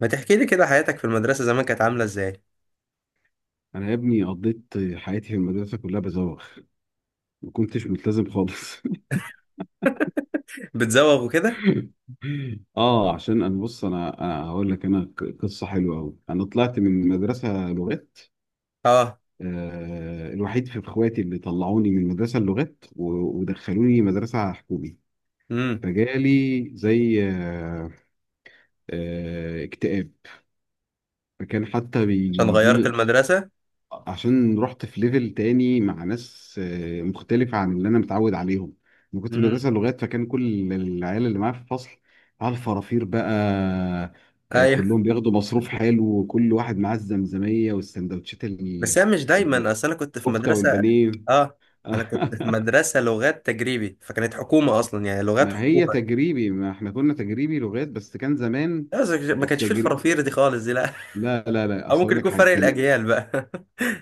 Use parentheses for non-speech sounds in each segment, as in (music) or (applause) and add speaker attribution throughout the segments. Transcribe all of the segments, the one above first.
Speaker 1: ما تحكي لي كده حياتك في المدرسة زمان كانت عاملة ازاي؟
Speaker 2: انا يا ابني قضيت حياتي في المدرسه كلها بزوغ. ما كنتش ملتزم خالص.
Speaker 1: بتزوغ وكده.
Speaker 2: (laughs) اه عشان انا بص، انا هقول لك، انا قصه حلوه قوي. انا طلعت من مدرسه لغات،
Speaker 1: اه.
Speaker 2: الوحيد في اخواتي اللي طلعوني من مدرسه اللغات ودخلوني مدرسه حكومي.
Speaker 1: امم.
Speaker 2: فجالي زي اكتئاب، فكان حتى
Speaker 1: عشان
Speaker 2: بيجي
Speaker 1: غيرت
Speaker 2: لي
Speaker 1: المدرسة؟
Speaker 2: عشان رحت في ليفل تاني مع ناس مختلفة عن اللي أنا متعود عليهم. أنا كنت في
Speaker 1: امم.
Speaker 2: مدرسة لغات، فكان كل العيال اللي معايا في الفصل على الفرافير بقى.
Speaker 1: ايوه.
Speaker 2: كلهم بياخدوا مصروف حلو، وكل واحد معاه الزمزمية والسندوتشات
Speaker 1: بس هي مش دايما،
Speaker 2: ال-
Speaker 1: اصل انا كنت في
Speaker 2: الكفتة
Speaker 1: مدرسة.
Speaker 2: والبانيه.
Speaker 1: اه. انا كنت في
Speaker 2: (laughs)
Speaker 1: مدرسة لغات تجريبي، فكانت حكومة اصلا، يعني لغات
Speaker 2: ما هي
Speaker 1: حكومة.
Speaker 2: تجريبي، ما احنا كنا تجريبي لغات بس كان زمان
Speaker 1: بس ما كانش فيه
Speaker 2: التجريب.
Speaker 1: الفرافير دي خالص، دي لا.
Speaker 2: لا لا
Speaker 1: (laughs)
Speaker 2: لا،
Speaker 1: او
Speaker 2: اصل
Speaker 1: ممكن
Speaker 2: اقول لك
Speaker 1: يكون
Speaker 2: حاجه،
Speaker 1: فرق
Speaker 2: كان
Speaker 1: الاجيال بقى.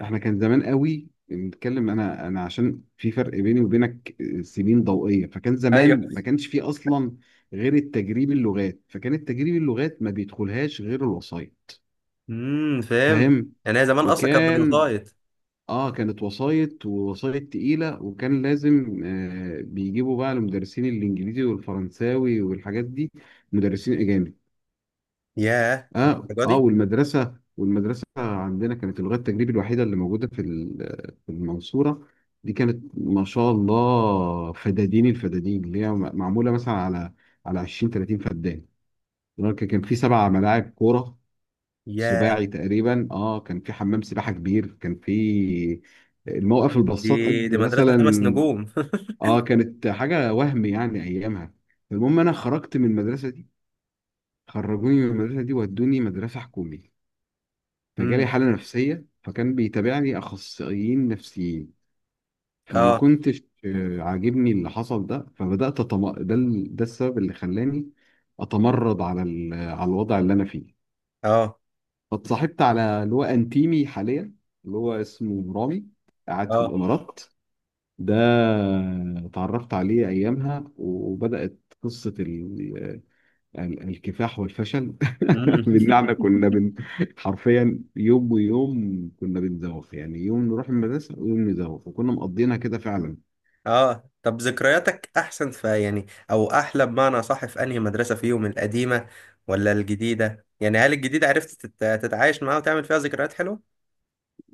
Speaker 2: احنا كان زمان قوي بنتكلم، انا عشان في فرق بيني وبينك سنين ضوئيه، فكان
Speaker 1: (laughs) ايوه.
Speaker 2: زمان ما كانش فيه اصلا غير التجريب اللغات، فكان التجريب اللغات ما بيدخلهاش غير الوصاية.
Speaker 1: امم، فهمت.
Speaker 2: فاهم؟
Speaker 1: يعني هي زمان اصلا كانت
Speaker 2: وكان،
Speaker 1: بالوسايط؟
Speaker 2: اه كانت وصاية، ووصاية تقيلة، وكان لازم بيجيبوا بقى المدرسين الانجليزي والفرنساوي والحاجات دي، مدرسين اجانب.
Speaker 1: ياه،
Speaker 2: اه،
Speaker 1: للدرجة
Speaker 2: اه،
Speaker 1: دي؟
Speaker 2: والمدرسه عندنا كانت اللغه التجريبي الوحيده اللي موجوده في في المنصوره. دي كانت ما شاء الله فدادين، الفدادين اللي هي معموله مثلا على 20 30 فدان. كان في سبع ملاعب كوره
Speaker 1: ياه.
Speaker 2: سباعي تقريبا. اه كان في حمام سباحه كبير، كان في الموقف الباصات
Speaker 1: دي
Speaker 2: قد
Speaker 1: دي مدرسة خمس
Speaker 2: مثلا.
Speaker 1: نجوم.
Speaker 2: اه كانت حاجه وهم يعني ايامها. المهم انا خرجت من المدرسه دي، خرجوني من المدرسه دي ودوني مدرسه حكومي.
Speaker 1: (laughs)
Speaker 2: فجالي
Speaker 1: امم.
Speaker 2: حالة نفسية، فكان بيتابعني أخصائيين نفسيين. فما
Speaker 1: اه.
Speaker 2: كنتش عاجبني اللي حصل ده، فبدأت ده السبب اللي خلاني أتمرد على الوضع اللي أنا فيه.
Speaker 1: اه.
Speaker 2: فاتصاحبت على اللي هو أنتيمي حاليا، اللي هو اسمه رامي، قاعد في
Speaker 1: اه.
Speaker 2: الإمارات ده. اتعرفت عليه أيامها، وبدأت قصة الكفاح والفشل.
Speaker 1: مم.
Speaker 2: (laughs) بالنعمة
Speaker 1: (laughs)
Speaker 2: حرفيا يوم ويوم كنا بنزوغ، يعني يوم نروح المدرسة ويوم نزوغ، وكنا مقضينها كده فعلا.
Speaker 1: اه، طب ذكرياتك احسن في، يعني، او احلى بمعنى صح، في انهي مدرسة فيهم، القديمة ولا الجديدة؟ يعني هل الجديدة عرفت تتعايش معاها وتعمل فيها ذكريات حلوة؟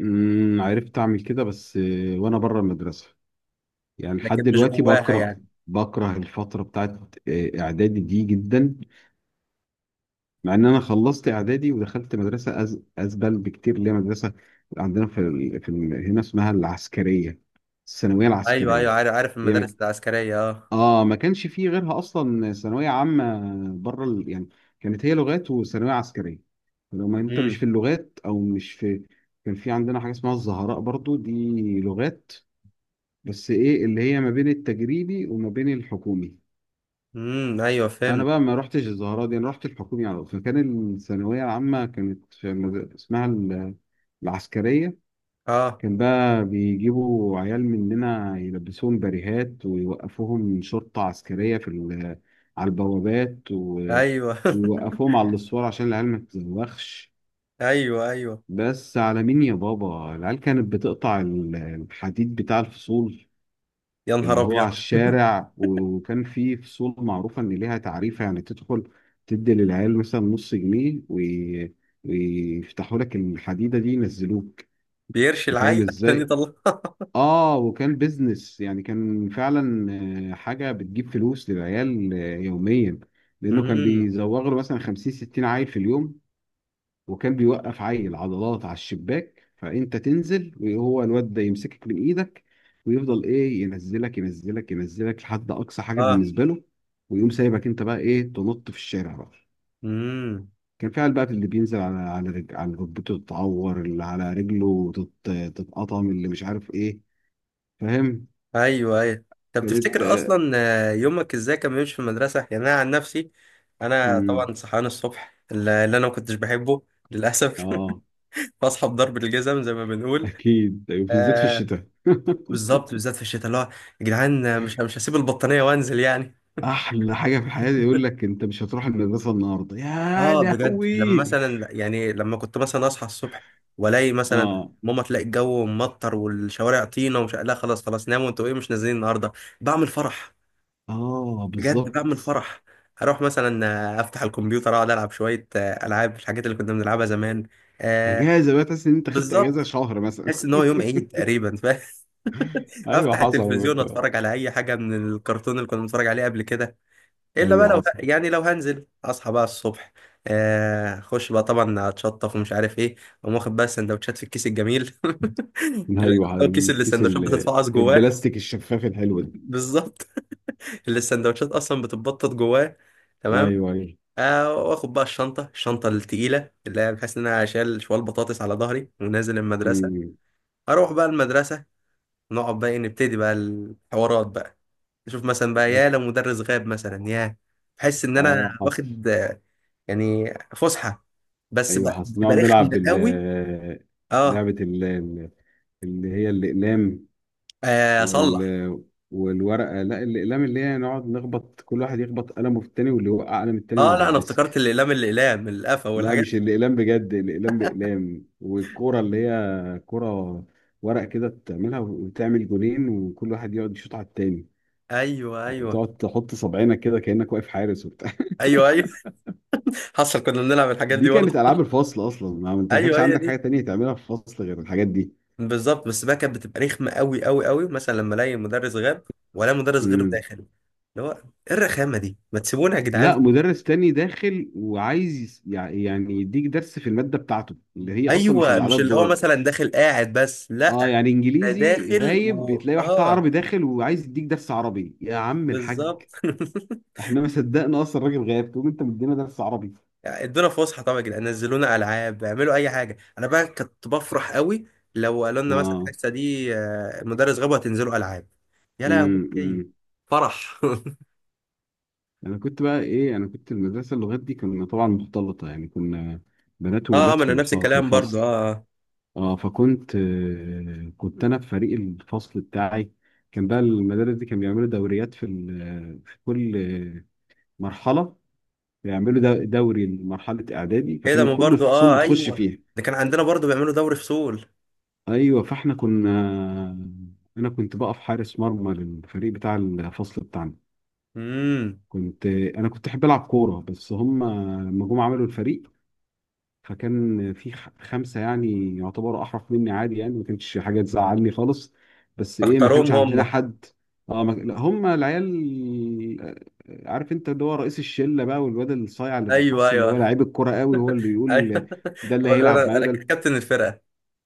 Speaker 2: عرفت أعمل كده، بس وأنا بره المدرسة. يعني لحد
Speaker 1: لكن مش
Speaker 2: دلوقتي
Speaker 1: جواها،
Speaker 2: بكره،
Speaker 1: يعني.
Speaker 2: الفترة بتاعت إعدادي دي جدا. مع إن أنا خلصت إعدادي ودخلت مدرسة أزبل بكتير، اللي هي مدرسة عندنا في، هنا اسمها العسكرية، الثانوية
Speaker 1: ايوه ايوه،
Speaker 2: العسكرية
Speaker 1: عارف عارف
Speaker 2: هي.
Speaker 1: المدارس العسكرية، اه.
Speaker 2: اه، ما كانش فيه غيرها اصلا ثانويه عامه بره يعني. كانت هي لغات وثانويه عسكريه، لو ما انت مش
Speaker 1: امم
Speaker 2: في اللغات او مش في. كان في عندنا حاجه اسمها الزهراء برضو دي، لغات، بس ايه، اللي هي ما بين التجريبي وما بين الحكومي.
Speaker 1: امم، ايوه،
Speaker 2: انا
Speaker 1: فهمت،
Speaker 2: بقى ما رحتش الزهراء دي، انا رحت الحكومي على طول. فكان الثانويه العامه كانت في اسمها العسكريه.
Speaker 1: اه،
Speaker 2: كان بقى بيجيبوا عيال مننا يلبسوهم بريهات، ويوقفوهم شرطة عسكرية في على البوابات،
Speaker 1: ايوه. (laughs)
Speaker 2: ويوقفوهم على الأسوار عشان العيال ما تتزوخش.
Speaker 1: ايوه ايوه.
Speaker 2: بس على مين يا بابا؟ العيال كانت بتقطع الحديد بتاع الفصول
Speaker 1: يا نهار
Speaker 2: اللي هو على
Speaker 1: ابيض!
Speaker 2: الشارع، وكان في فصول معروفة إن ليها تعريفة، يعني تدخل تدي للعيال مثلا نص جنيه ويفتحوا لك الحديدة دي ينزلوك.
Speaker 1: بيرشي
Speaker 2: انت فاهم
Speaker 1: العيل عشان
Speaker 2: ازاي؟
Speaker 1: يطلعها؟
Speaker 2: اه وكان بيزنس يعني، كان فعلا حاجه بتجيب فلوس للعيال يوميا.
Speaker 1: (laughs)
Speaker 2: لانه كان
Speaker 1: امم.
Speaker 2: بيزوغ له مثلا 50 60 عيل في اليوم. وكان بيوقف عيل عضلات على الشباك، فانت تنزل وهو الواد ده يمسكك من ايدك، ويفضل ايه ينزلك ينزلك ينزلك لحد اقصى حاجه
Speaker 1: اه.
Speaker 2: بالنسبه له، ويقوم سايبك انت بقى ايه تنط في الشارع بقى.
Speaker 1: امم.
Speaker 2: كان فعلا بقى اللي بينزل على على ركبته تتعور، اللي على رجله تتقطم، اللي مش عارف ايه. فاهم؟
Speaker 1: ايوه ايوه. طب
Speaker 2: كانت،
Speaker 1: تفتكر اصلا، يومك ازاي كان بيمشي في المدرسه؟ يعني انا عن نفسي، انا
Speaker 2: امم
Speaker 1: طبعا صحيان الصبح اللي انا ما كنتش بحبه للاسف. (laughs)
Speaker 2: اه
Speaker 1: بصحى بضرب الجزم، زي ما بنقول.
Speaker 2: اكيد أيوة، بالذات في
Speaker 1: آه.
Speaker 2: الشتاء.
Speaker 1: بالظبط،
Speaker 2: (laughs)
Speaker 1: بالذات في الشتاء، اللي هو، يا جدعان، مش هسيب البطانيه وانزل، يعني.
Speaker 2: احلى حاجه في الحياه يقول لك انت مش هتروح المدرسه النهارده، يا
Speaker 1: اه، بجد لما
Speaker 2: لهوي.
Speaker 1: مثلا، يعني لما كنت مثلا اصحى الصبح والاقي مثلا
Speaker 2: اه،
Speaker 1: ماما تلاقي الجو ممطر والشوارع طينه ومش، لا خلاص خلاص، ناموا انتوا، ايه، مش نازلين النهارده، بعمل فرح.
Speaker 2: اه،
Speaker 1: بجد بقى من
Speaker 2: بالظبط.
Speaker 1: الفرح، اروح مثلا، افتح الكمبيوتر، اقعد العب شويه، العاب، الحاجات اللي كنا بنلعبها زمان. آه.
Speaker 2: اجازه بقى، تحس ان انت خدت اجازه
Speaker 1: بالظبط.
Speaker 2: شهر مثلا.
Speaker 1: احس ان هو يوم عيد تقريبا، ف (laughs)
Speaker 2: (laughs) ايوه
Speaker 1: افتح
Speaker 2: حصل
Speaker 1: التلفزيون، اتفرج على اي حاجه من الكرتون اللي كنا بنتفرج عليه قبل كده. الا بقى
Speaker 2: ايوه
Speaker 1: لو،
Speaker 2: حصل.
Speaker 1: يعني لو هنزل اصحى بقى الصبح، اخش بقى طبعا، اتشطف ومش عارف ايه، اقوم واخد بقى السندوتشات في الكيس الجميل. (laughs) اللي
Speaker 2: ايوه،
Speaker 1: هو الكيس، اللي
Speaker 2: الكيس
Speaker 1: السندوتشات بتتفعص جواه.
Speaker 2: البلاستيك الشفاف
Speaker 1: (laughs)
Speaker 2: الحلو ده.
Speaker 1: بالظبط، اللي السندوتشات اصلا بتتبطط جواه. تمام.
Speaker 2: ايوه، ايوه.
Speaker 1: واخد بقى الشنطة، الشنطة التقيلة اللي هي بحيث إن أنا أشيل شوال بطاطس على ظهري ونازل المدرسة.
Speaker 2: أمم.
Speaker 1: أروح بقى المدرسة ونقعد بقى، إيه، نبتدي بقى الحوارات بقى، نشوف مثلا بقى، يا لو مدرس غاب مثلا، يا بحس إن
Speaker 2: اه
Speaker 1: أنا
Speaker 2: حصل.
Speaker 1: واخد، يعني، فسحة، بس
Speaker 2: ايوه
Speaker 1: بقى
Speaker 2: حصل، نقعد
Speaker 1: بتبقى رخمة
Speaker 2: نلعب
Speaker 1: قوي. أه.
Speaker 2: لعبه اللي هي الاقلام وال
Speaker 1: أصلح.
Speaker 2: والورقة، لا الأقلام، اللي هي نقعد نخبط، كل واحد يخبط قلمه في التاني، واللي يوقع قلم التاني من
Speaker 1: أه،
Speaker 2: على
Speaker 1: لا، أنا افتكرت
Speaker 2: الديسك.
Speaker 1: الأقلام، الأقلام القفا
Speaker 2: لا
Speaker 1: والحاجات.
Speaker 2: مش الأقلام بجد، الأقلام بأقلام، والكورة اللي هي كورة ورق كده تعملها، وتعمل جولين، وكل واحد يقعد يشوط على التاني،
Speaker 1: أيوه أيوه.
Speaker 2: وتقعد تحط صابعينك كده كأنك واقف حارس وبتاع.
Speaker 1: أيوه أيوه. (laughs) حصل كنا بنلعب
Speaker 2: (laughs)
Speaker 1: الحاجات
Speaker 2: دي
Speaker 1: دي
Speaker 2: كانت
Speaker 1: برضه.
Speaker 2: ألعاب الفصل أصلا، ما أنت ما كانش
Speaker 1: أيوه، هي
Speaker 2: عندك حاجة
Speaker 1: دي،
Speaker 2: تانية تعملها في الفصل غير الحاجات دي.
Speaker 1: بالظبط. بس بقى كانت بتبقى رخمه قوي قوي قوي، مثلا لما الاقي مدرس غاب ولا مدرس غيره
Speaker 2: امم.
Speaker 1: داخل، اللي هو ايه، الرخامه دي! ما تسيبونا يا جدعان.
Speaker 2: لا مدرس تاني داخل، وعايز يعني يديك درس في المادة بتاعته اللي هي أصلا مش
Speaker 1: ايوه،
Speaker 2: اللي عليها
Speaker 1: مش اللي هو
Speaker 2: الدور.
Speaker 1: مثلا داخل قاعد بس، لا،
Speaker 2: اه يعني
Speaker 1: ده
Speaker 2: انجليزي
Speaker 1: داخل
Speaker 2: غايب،
Speaker 1: و
Speaker 2: بتلاقي واحد بتاع
Speaker 1: اه.
Speaker 2: عربي داخل وعايز يديك درس عربي، يا عم الحاج.
Speaker 1: بالظبط.
Speaker 2: احنا ما صدقنا اصلا الراجل غايب، تقوم انت مدينا درس عربي.
Speaker 1: (laughs) يعني ادونا فسحه طبعا، يا جدعان نزلونا العاب، اعملوا اي حاجه. انا بقى كنت بفرح قوي لو قالوا لنا مثلا
Speaker 2: اه.
Speaker 1: الحصه دي المدرس غاب، هتنزلوا العاب. يا
Speaker 2: امم.
Speaker 1: لهوي!
Speaker 2: امم.
Speaker 1: فرح. (laughs)
Speaker 2: انا كنت بقى ايه، انا كنت المدرسه اللغات دي كنا طبعا مختلطه، يعني كنا بنات
Speaker 1: اه،
Speaker 2: وولاد
Speaker 1: ما
Speaker 2: في
Speaker 1: انا نفس
Speaker 2: في
Speaker 1: الكلام برضو،
Speaker 2: الفصل.
Speaker 1: اه. آه.
Speaker 2: اه، فكنت، كنت انا في فريق الفصل بتاعي. كان بقى المدارس دي كان بيعملوا دوريات في في كل آه، مرحله. بيعملوا دوري لمرحله اعدادي،
Speaker 1: ايه ده؟
Speaker 2: فكان
Speaker 1: ما
Speaker 2: كل
Speaker 1: برضو،
Speaker 2: الفصول
Speaker 1: اه،
Speaker 2: بتخش
Speaker 1: ايوه.
Speaker 2: فيها.
Speaker 1: ده كان عندنا برضو بيعملوا دوري فصول.
Speaker 2: ايوه، فاحنا كنا، انا كنت بقف حارس مرمى للفريق بتاع الفصل بتاعنا.
Speaker 1: امم.
Speaker 2: كنت، انا كنت احب العب كوره، بس هم لما جم عملوا الفريق، فكان في خمسه يعني يعتبروا احرف مني عادي، يعني ما كانتش حاجه تزعلني خالص. بس ايه، ما
Speaker 1: اختاروهم
Speaker 2: كانش
Speaker 1: هم؟
Speaker 2: عندنا حد. اه ما... لا، هم العيال، عارف انت اللي هو رئيس الشله بقى، والواد الصايع اللي في
Speaker 1: ايوه
Speaker 2: الفصل اللي هو
Speaker 1: ايوه.
Speaker 2: لعيب الكوره قوي، هو اللي
Speaker 1: ايوه.
Speaker 2: يقول
Speaker 1: (laughs)
Speaker 2: ده اللي
Speaker 1: هو اللي، انا
Speaker 2: هيلعب معايا
Speaker 1: انا
Speaker 2: وده.
Speaker 1: كابتن الفرقه.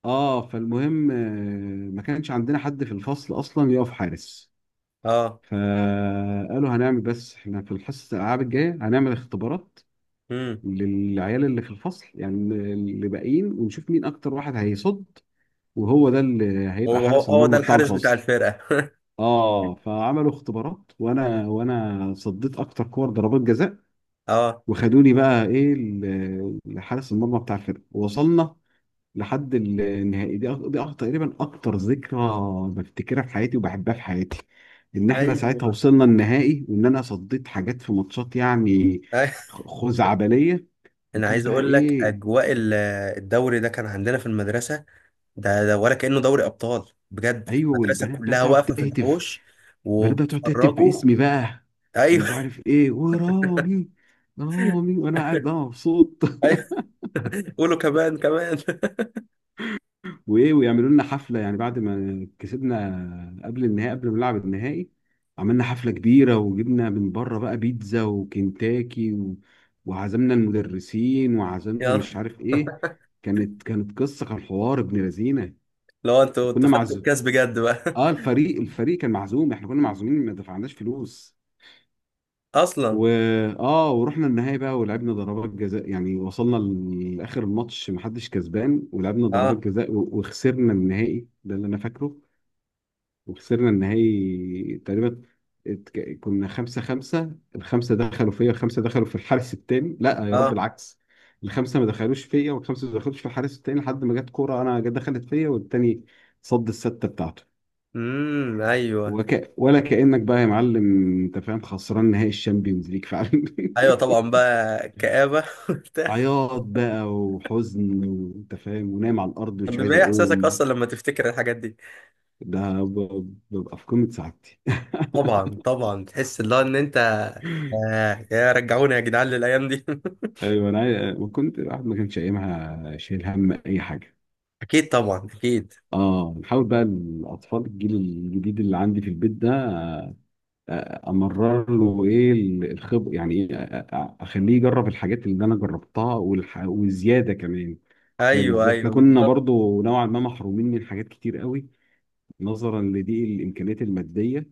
Speaker 2: اه، فالمهم ما كانش عندنا حد في الفصل اصلا يقف حارس،
Speaker 1: اه.
Speaker 2: فقالوا هنعمل، بس احنا في الحصه الالعاب الجايه هنعمل اختبارات
Speaker 1: امم.
Speaker 2: للعيال اللي في الفصل، يعني اللي باقيين، ونشوف مين اكتر واحد هيصد، وهو ده اللي هيبقى
Speaker 1: هو هو
Speaker 2: حارس
Speaker 1: هو ده
Speaker 2: المرمى بتاع
Speaker 1: الحارس بتاع
Speaker 2: الفصل.
Speaker 1: الفرقه. (laughs)
Speaker 2: اه فعملوا اختبارات، وانا صديت اكتر كور ضربات جزاء،
Speaker 1: اه.
Speaker 2: وخدوني بقى ايه لحارس المرمى بتاع الفرقه. وصلنا لحد النهائي، دي تقريبا اكتر ذكرى بفتكرها في حياتي، وبحبها في حياتي، ان احنا ساعتها
Speaker 1: ايوه.
Speaker 2: وصلنا النهائي، وان انا صديت حاجات في ماتشات يعني
Speaker 1: أي-
Speaker 2: خزعبليه.
Speaker 1: انا
Speaker 2: وكان
Speaker 1: عايز
Speaker 2: بقى
Speaker 1: اقول لك،
Speaker 2: ايه،
Speaker 1: اجواء الدوري ده كان عندنا في المدرسه. ده ولا كانه دوري ابطال بجد،
Speaker 2: ايوه،
Speaker 1: المدرسه
Speaker 2: والبنات بقى
Speaker 1: كلها
Speaker 2: تقعد
Speaker 1: واقفه في
Speaker 2: تهتف
Speaker 1: الحوش
Speaker 2: البنات بقى تقعد تهتف
Speaker 1: وبتتفرجوا.
Speaker 2: باسمي بقى،
Speaker 1: ايوه.
Speaker 2: ومش
Speaker 1: (laughs)
Speaker 2: عارف ايه، ورامي، رامي وانا قاعد بقى مبسوط.
Speaker 1: ايوه، قولوا كمان كمان. (laughs)
Speaker 2: وايه، ويعملوا لنا حفله، يعني بعد ما كسبنا قبل النهائي، قبل ما نلعب النهائي عملنا حفله كبيره، وجبنا من بره بقى بيتزا وكنتاكي وعزمنا المدرسين، وعزمنا
Speaker 1: يلا.
Speaker 2: مش عارف ايه. كانت قصه، كان حوار ابن لذينه.
Speaker 1: لو انتوا
Speaker 2: وكنا
Speaker 1: خدتوا
Speaker 2: معزوم،
Speaker 1: الكاس بجد بقى؟
Speaker 2: اه الفريق كان معزوم، احنا كنا معزومين، ما دفعناش فلوس.
Speaker 1: (laughs) اصلا.
Speaker 2: و اه ورحنا النهائي بقى، ولعبنا ضربات جزاء. يعني وصلنا لاخر الماتش محدش كسبان، ولعبنا ضربات
Speaker 1: اه.
Speaker 2: جزاء وخسرنا النهائي، ده اللي انا فاكره. وخسرنا النهائي تقريبا، كنا 5-5، الخمسة دخلوا فيا، الخمسة دخلوا في الحارس التاني، لا يا رب
Speaker 1: اه.
Speaker 2: العكس، الخمسة ما دخلوش فيا، والخمسة ما دخلوش في الحارس التاني، لحد ما جت كورة أنا جت دخلت فيا، والتاني صد الستة بتاعته.
Speaker 1: امم. ايوه
Speaker 2: ولا كأنك بقى يا معلم. أنت فاهم، خسران نهائي الشامبيونز ليج فعلا. (laughs)
Speaker 1: ايوه. طبعا بقى كآبة، (laughs) وبتاع.
Speaker 2: عياط بقى وحزن، وأنت فاهم، ونايم على الأرض
Speaker 1: طب
Speaker 2: مش عايز
Speaker 1: بيبقى ايه احساسك
Speaker 2: أقوم.
Speaker 1: اصلا لما تفتكر الحاجات دي؟
Speaker 2: ده ببقى في قمة سعادتي.
Speaker 1: طبعا طبعا، تحس اللي هو ان انت، آه، يا رجعوني يا جدعان للايام دي! (laughs)
Speaker 2: ايوه، انا وكنت، الواحد ما كانش ايامها شايل هم اي حاجه.
Speaker 1: اكيد، طبعا اكيد.
Speaker 2: اه نحاول بقى الاطفال، الجيل الجديد اللي عندي في البيت ده، امرر له ايه الخبر، يعني ايه، اخليه يجرب الحاجات اللي انا جربتها، وزياده كمان. فاهم
Speaker 1: ايوه
Speaker 2: ازاي احنا
Speaker 1: ايوه،
Speaker 2: كنا
Speaker 1: بالظبط.
Speaker 2: برضو نوعا ما محرومين من حاجات كتير قوي، نظرا لضيق الامكانيات الماديه،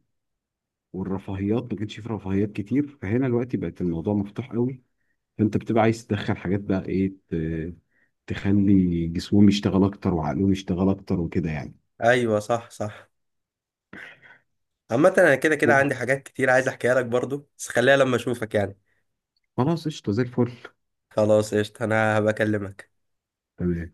Speaker 2: والرفاهيات ما كانش في رفاهيات كتير. فهنا دلوقتي بقت الموضوع مفتوح قوي، فانت بتبقى عايز تدخل حاجات بقى ايه تخلي جسمهم يشتغل اكتر، وعقلهم يشتغل اكتر، وكده يعني.
Speaker 1: ايوه، صح صح. عامة انا كده كده عندي حاجات كتير عايز احكيها لك برضو، بس خليها لما اشوفك، يعني.
Speaker 2: خلاص قشطه زي الفل.
Speaker 1: خلاص، قشطة، انا هبقى اكلمك.
Speaker 2: تمام.